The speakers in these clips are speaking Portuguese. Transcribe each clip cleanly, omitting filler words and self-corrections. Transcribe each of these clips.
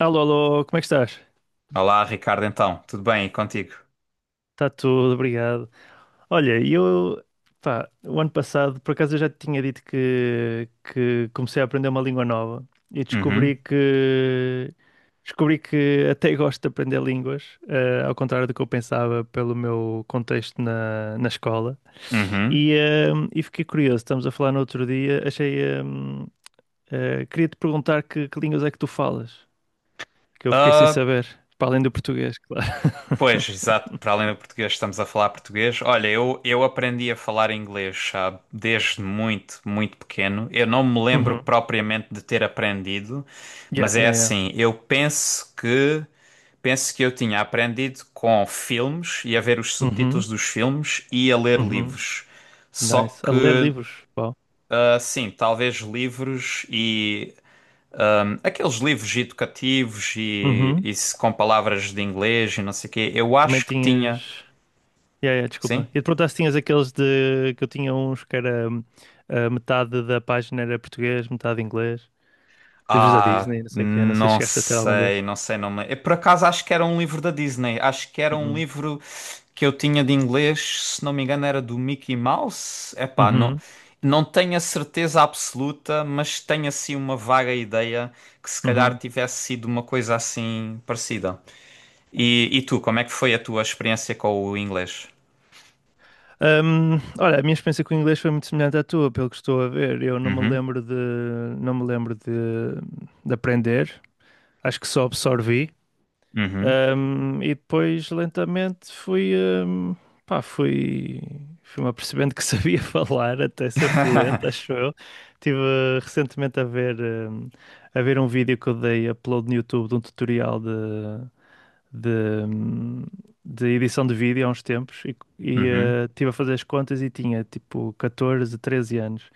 Alô, alô, como é que estás? Olá, Ricardo, então, tudo bem? E contigo? Está tudo, obrigado. Olha, eu, pá, o ano passado, por acaso eu já te tinha dito que comecei a aprender uma língua nova e Uhum, descobri que até gosto de aprender línguas, ao contrário do que eu pensava pelo meu contexto na escola. uhum. E fiquei curioso, estamos a falar no outro dia, queria-te perguntar que línguas é que tu falas, que eu fiquei sem Ah, saber, para além do português, claro. Pois, exato, para além do português, estamos a falar português. Olha, eu aprendi a falar inglês, sabe, desde muito, muito pequeno. Eu não me lembro Uhum. propriamente de ter aprendido, mas Yeah, é yeah, yeah. assim, eu penso que eu tinha aprendido com filmes e a ver os subtítulos Uhum, dos filmes e a ler uhum. livros. Só Nice. A ler que, livros. Uau. Sim, talvez livros e aqueles livros educativos e, Uhum. e se- com palavras de inglês e não sei o quê. Eu Também acho que tinha. tinhas. Yeah, yeah, Sim? desculpa. E de perguntar se tinhas aqueles de que eu tinha uns que era a metade da página era português, metade inglês. Livros da Ah, Disney, não sei o quê. Não sei se não chegaste a ter algum sei, desses. não sei, não me... Eu, por acaso, acho que era um livro da Disney. Acho que era um Uhum. livro que eu tinha de inglês, se não me engano, era do Mickey Mouse. Epá, não, Uhum. não tenho a certeza absoluta, mas tenho assim uma vaga ideia que se calhar Uhum. tivesse sido uma coisa assim parecida. E tu, como é que foi a tua experiência com o inglês? Olha, a minha experiência com o inglês foi muito semelhante à tua, pelo que estou a ver. Eu não me Uhum. lembro de, Não me lembro de aprender. Acho que só absorvi. Uhum. E depois lentamente um, pá, fui, fui-me apercebendo que sabia falar até ser fluente, acho eu. Estive recentemente a ver, a ver um vídeo que eu dei upload no YouTube de um tutorial de, um, de edição de vídeo há uns tempos e Uhum. Estive a fazer as contas e tinha tipo 14 13 anos.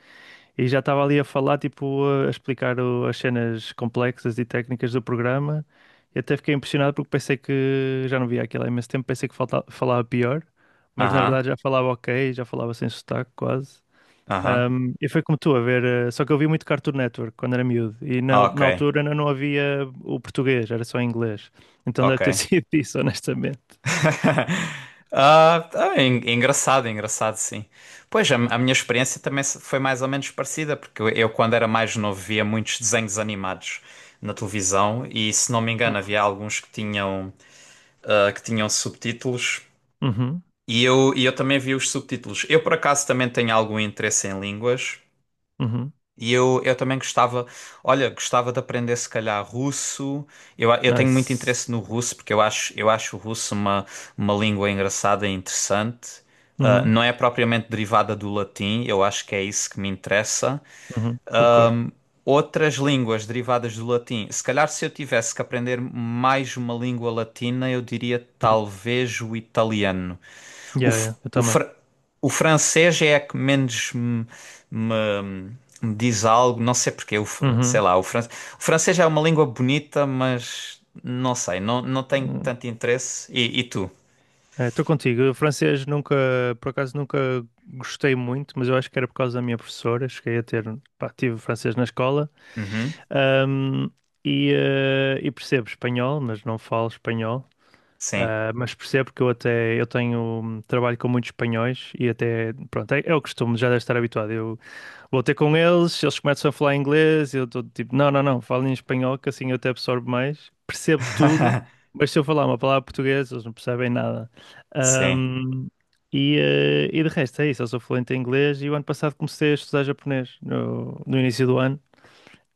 E já estava ali a falar, tipo, a explicar as cenas complexas e técnicas do programa. E até fiquei impressionado porque pensei que já não via aquilo há imenso tempo, pensei que falava pior, mas na verdade Aham. já falava ok, já falava sem sotaque quase. Aham. E foi como tu, a ver, só que eu vi muito Cartoon Network quando era miúdo e Ah, ok. na altura ainda não havia o português, era só inglês. Então deve Ok. ter sido isso, honestamente. É engraçado, é engraçado, sim. Pois, a minha experiência também foi mais ou menos parecida, porque eu, quando era mais novo, via muitos desenhos animados na televisão e, se não me engano, Uhum. havia alguns que tinham, que tinham subtítulos Uhum. e eu também vi os subtítulos. Eu, por acaso, também tenho algum interesse em línguas. Uhum. E eu também gostava, olha, gostava de aprender se calhar russo. Eu tenho muito Nice. interesse no russo porque eu acho o russo uma língua engraçada e interessante. Ah, Uhum. não é propriamente derivada do latim, eu acho que é isso que me interessa Uhum. Concordo. outras línguas derivadas do latim. Se calhar, se eu tivesse que aprender mais uma língua latina, eu diria Uhum. talvez o italiano. O, Yeah, f- yeah, eu o, também. fr- o francês é a que menos me- me diz algo, não sei porque, o f- sei Uhum. lá, o, fran- o francês é uma língua bonita, mas não sei, não, não tenho Hum. tanto interesse. E tu? É, estou contigo. Eu, francês nunca, por acaso nunca gostei muito, mas eu acho que era por causa da minha professora. Cheguei a ter, pá, tive francês na escola. Uhum, Ahm, e percebo espanhol, mas não falo espanhol. sim. Ah, mas percebo que eu até eu tenho trabalho com muitos espanhóis e até pronto, é o costume, já deve estar habituado. Vou ter com eles, eles começam a falar inglês, eu estou tipo, não, não, não, falem em espanhol, que assim eu até absorvo mais, percebo tudo, mas se eu falar uma palavra portuguesa, eles não percebem nada. Sim. Ahm, e de resto, é isso, eu sou fluente em inglês e o ano passado comecei a estudar japonês, no início do ano.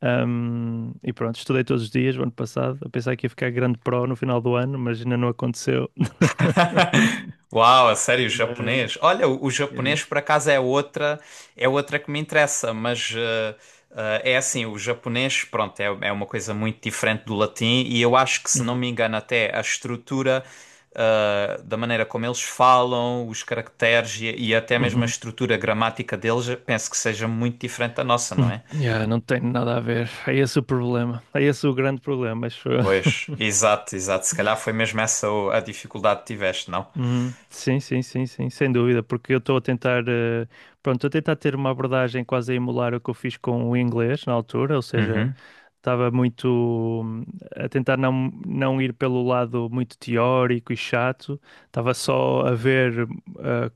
E pronto, estudei todos os dias, o ano passado, a pensar que ia ficar grande pro no final do ano, mas ainda não aconteceu. Uau, a sério, Mas japonês? Olha, o é. japonês por acaso é outra que me interessa, mas é assim, o japonês, pronto, é, é uma coisa muito diferente do latim e eu acho que, se não Uhum. me engano, até a estrutura da maneira como eles falam, os caracteres e até mesmo a Uhum. estrutura gramática deles, eu penso que seja muito diferente da nossa, não Uhum. é? Yeah, não tem nada a ver. É esse o problema. É esse o grande problema, acho eu. Pois, exato, exato. Se calhar foi mesmo essa a dificuldade que tiveste, não? Uhum. Sim, sim, sim, sim, sem dúvida, porque eu estou a tentar, pronto, estou a tentar ter uma abordagem quase a emular o que eu fiz com o inglês na altura, ou seja, Uhum, estava muito hum, a tentar não ir pelo lado muito teórico e chato, estava só a ver eh,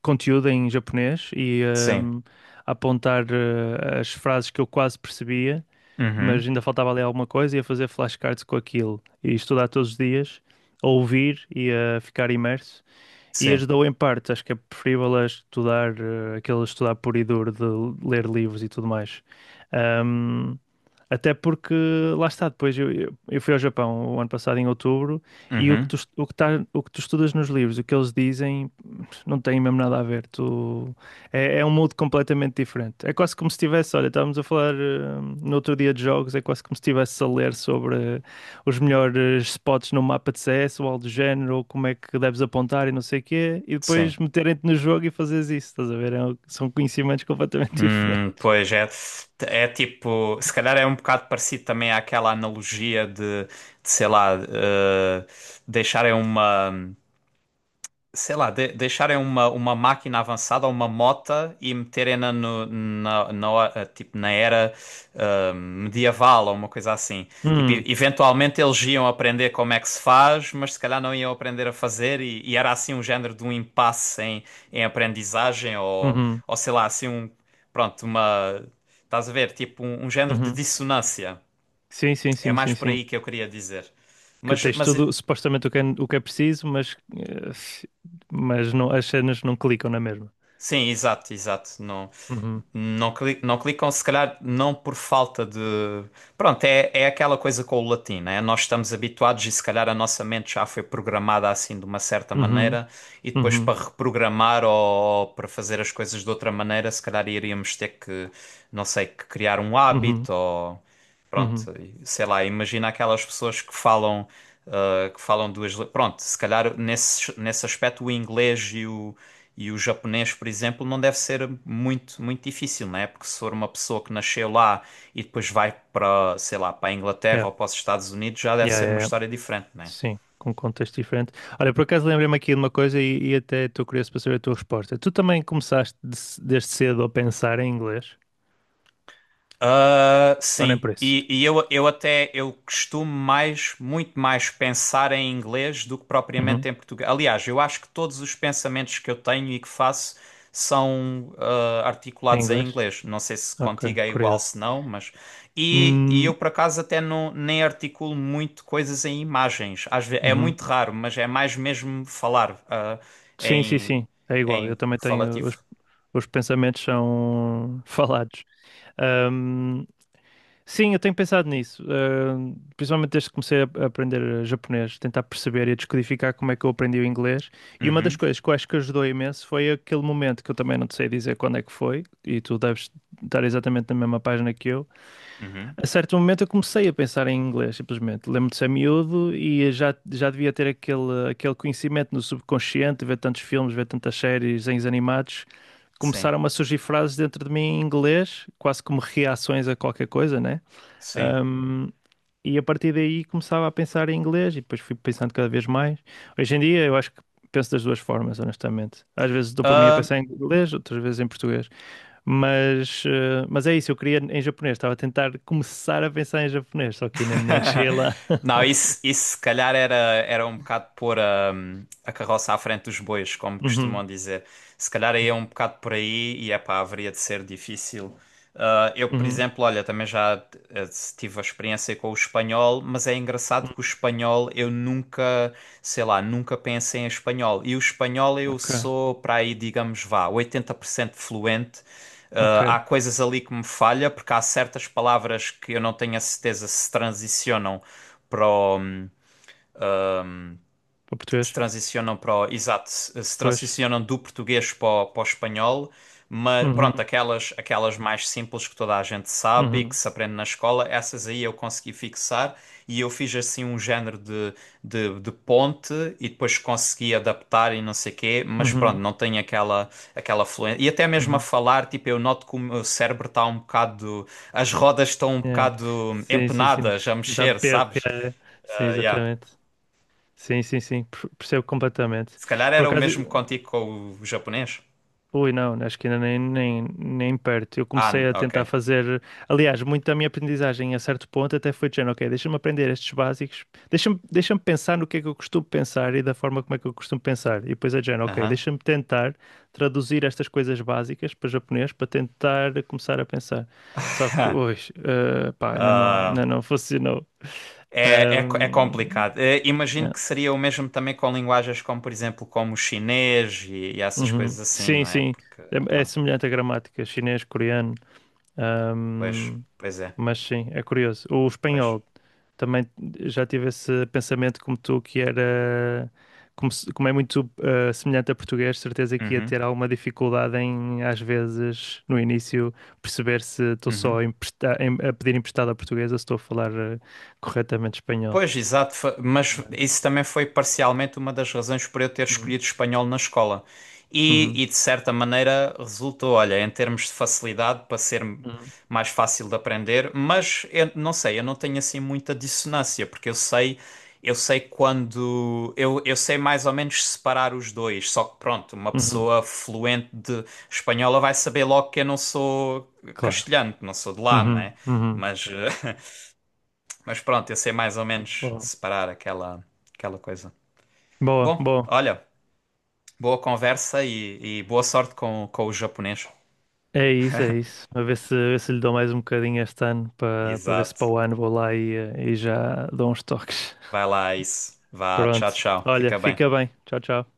conteúdo em japonês e sim. hum, a apontar as frases que eu quase percebia Uhum, mas ainda faltava ali alguma coisa, e a fazer flashcards com aquilo e estudar todos os dias, a ouvir e a ficar imerso. E sim. ajudou em parte, acho que é preferível a estudar, aquele estudar puro e duro de ler livros e tudo mais. Até porque lá está, depois eu fui ao Japão o ano passado em outubro e Uhum. O que tu estudas nos livros, o que eles dizem, não tem mesmo nada a ver. Tu, é um mundo completamente diferente. É quase como se estivesse, olha, estávamos a falar no outro dia de jogos, é quase como se estivesse a ler sobre os melhores spots no mapa de CS ou algo do género, ou como é que deves apontar e não sei o quê, e Sim. depois meterem-te no jogo e fazeres isso, estás a ver? São conhecimentos completamente diferentes. Pois é, é tipo, se calhar é um bocado parecido também àquela analogia de sei lá, deixarem uma. Sei lá, deixarem uma máquina avançada, uma mota e meterem-na tipo, na era medieval ou uma coisa assim. Tipo, Hum, eventualmente eles iam aprender como é que se faz, mas se calhar não iam aprender a fazer e era assim um género de um impasse em, em aprendizagem uhum, ou sei lá, assim um, pronto, uma, estás a ver, tipo um, um género de uhum. dissonância. Sim, sim, É sim, mais sim, por sim. aí que eu queria dizer. Que tens Mas tudo, supostamente o que é preciso, mas, mas não, as cenas não clicam na mesma. sim, exato, exato. Não, Uhum, não, não clicam, se calhar não por falta de. Pronto, é, é aquela coisa com o latim, né? Nós estamos habituados e se calhar a nossa mente já foi programada assim de uma certa uhum, maneira e depois uhum, para reprogramar ou para fazer as coisas de outra maneira, se calhar iríamos ter que, não sei, que criar um uhum, hábito ou. uhum. Pronto, sei lá, imagina aquelas pessoas que falam, que falam duas. Pronto, se calhar nesse, nesse aspecto o inglês e o japonês, por exemplo, não deve ser muito, muito difícil, né? Porque se for uma pessoa que nasceu lá e depois vai para, sei lá, para a Inglaterra Yeah, ou para os Estados Unidos, já deve yeah, ser yeah, uma yeah. história diferente, né? Sim, com um contexto diferente. Olha, por acaso lembrei-me aqui de uma coisa e até estou curioso para saber a tua resposta. Tu também começaste desde cedo a pensar em inglês? Ah, Ou nem sim, por isso? e eu costumo mais, muito mais pensar em inglês do que propriamente Uhum. em português. Aliás, eu acho que todos os pensamentos que eu tenho e que faço são Em articulados em inglês? inglês. Não sei se Ok, contigo é igual, curioso. se não, mas. E Hum, eu por acaso até não, nem articulo muito coisas em imagens. Às vezes, é uhum. muito raro, mas é mais mesmo falar Sim, sim, em, sim, é igual. Eu em também tenho. falativo. Os pensamentos são falados. Ahm, sim, eu tenho pensado nisso. Principalmente desde que comecei a aprender japonês, tentar perceber e descodificar como é que eu aprendi o inglês. E uma das Uhum, coisas que eu acho que ajudou imenso foi aquele momento que eu também não te sei dizer quando é que foi, e tu deves estar exatamente na mesma página que eu, uhum, a certo momento eu comecei a pensar em inglês, simplesmente. Lembro de ser miúdo e já devia ter aquele conhecimento no subconsciente, ver tantos filmes, ver tantas séries, desenhos animados. sim, Começaram a surgir frases dentro de mim em inglês, quase como reações a qualquer coisa, né? sim. Ahm, e a partir daí começava a pensar em inglês e depois fui pensando cada vez mais. Hoje em dia eu acho que penso das duas formas, honestamente. Às vezes dou por mim a Ah, pensar em inglês, outras vezes em português. Mas é isso, eu queria em japonês, estava a tentar começar a pensar em japonês, só que ainda nem cheguei lá. não, isso se calhar era, era um bocado pôr a carroça à frente dos bois, como Uhum, costumam dizer. Se calhar aí é um bocado por aí e é pá, haveria de ser difícil. Ah, eu, por uhum, exemplo, olha, também já eh, tive a experiência com o espanhol, mas é engraçado uhum, que o espanhol eu nunca, sei lá, nunca pensei em espanhol. E o espanhol eu ok, sou para aí, digamos, vá, 80% fluente. ok, Há coisas ali que me falha, porque há certas palavras que eu não tenho a certeza se transicionam para o, para se português, transicionam para o, exato, se se pois. transicionam do português para o, para o espanhol, mas pronto, Uhum, aquelas, aquelas mais simples que toda a gente sabe e que uhum, se aprende na escola, essas aí eu consegui fixar e eu fiz assim um género de, de ponte e depois consegui adaptar e não sei quê, mas pronto, uhum, não tenho aquela, aquela fluência. E até mesmo a uhum, falar, tipo, eu noto que o meu cérebro está um bocado, as rodas estão um yeah. bocado Sim, sim, sim, empenadas a dá mexer, perro, sabes? yeah, yeah. Sim, Ah, yeah. exatamente. Sim, sim, sim, percebo completamente. Se calhar Por era o acaso, mesmo contigo com o japonês? ui, não, acho que ainda nem perto. Eu Ah, comecei a ok. tentar fazer. Aliás, muito da minha aprendizagem a certo ponto até foi dizendo: ok, deixa-me aprender estes básicos, deixa-me pensar no que é que eu costumo pensar e da forma como é que eu costumo pensar. E depois é dizendo: ok, Aham. deixa-me tentar traduzir estas coisas básicas para japonês para tentar começar a pensar. Só que hoje, pá, Ah, ainda não funcionou. é, é Ahm, complicado. Eh, imagino que É. seria o mesmo também com linguagens como, por exemplo, como o chinês e essas Uhum. coisas assim, Sim, não é? sim, Porque, é, é pronto, semelhante à gramática chinês, coreano. pois, pois é, Mas sim, é curioso. O pois. espanhol também já tive esse pensamento como tu, que era como, como é muito semelhante a português, certeza que ia Uhum, ter alguma dificuldade em, às vezes, no início, perceber se estou uhum. só a pedir emprestado a português ou se estou a falar corretamente espanhol. Pois, exato, mas isso também foi parcialmente uma das razões por eu ter Uhum, escolhido espanhol na escola. Uhum, E, de certa maneira resultou, olha, em termos de facilidade para ser uhum, mais fácil de aprender, mas eu não sei, eu não tenho assim muita dissonância, porque eu sei quando eu sei mais ou menos separar os dois, só que pronto, uma uhum, pessoa fluente de espanhola vai saber logo que eu não sou claro. castelhano, que não sou de lá, não Uhum, é? uhum. Mas, eh, mas pronto, eu sei mais ou menos Boa, separar aquela, aquela coisa. boa, Bom, boa. olha, boa conversa e boa sorte com o japonês. É isso, é isso. A ver se lhe dou mais um bocadinho este ano para para ver se para Exato. o ano vou lá e, e já dou uns toques. Vai lá, isso. Vá, tchau, Pronto. tchau. Olha, Fica bem. fica bem. Tchau, tchau.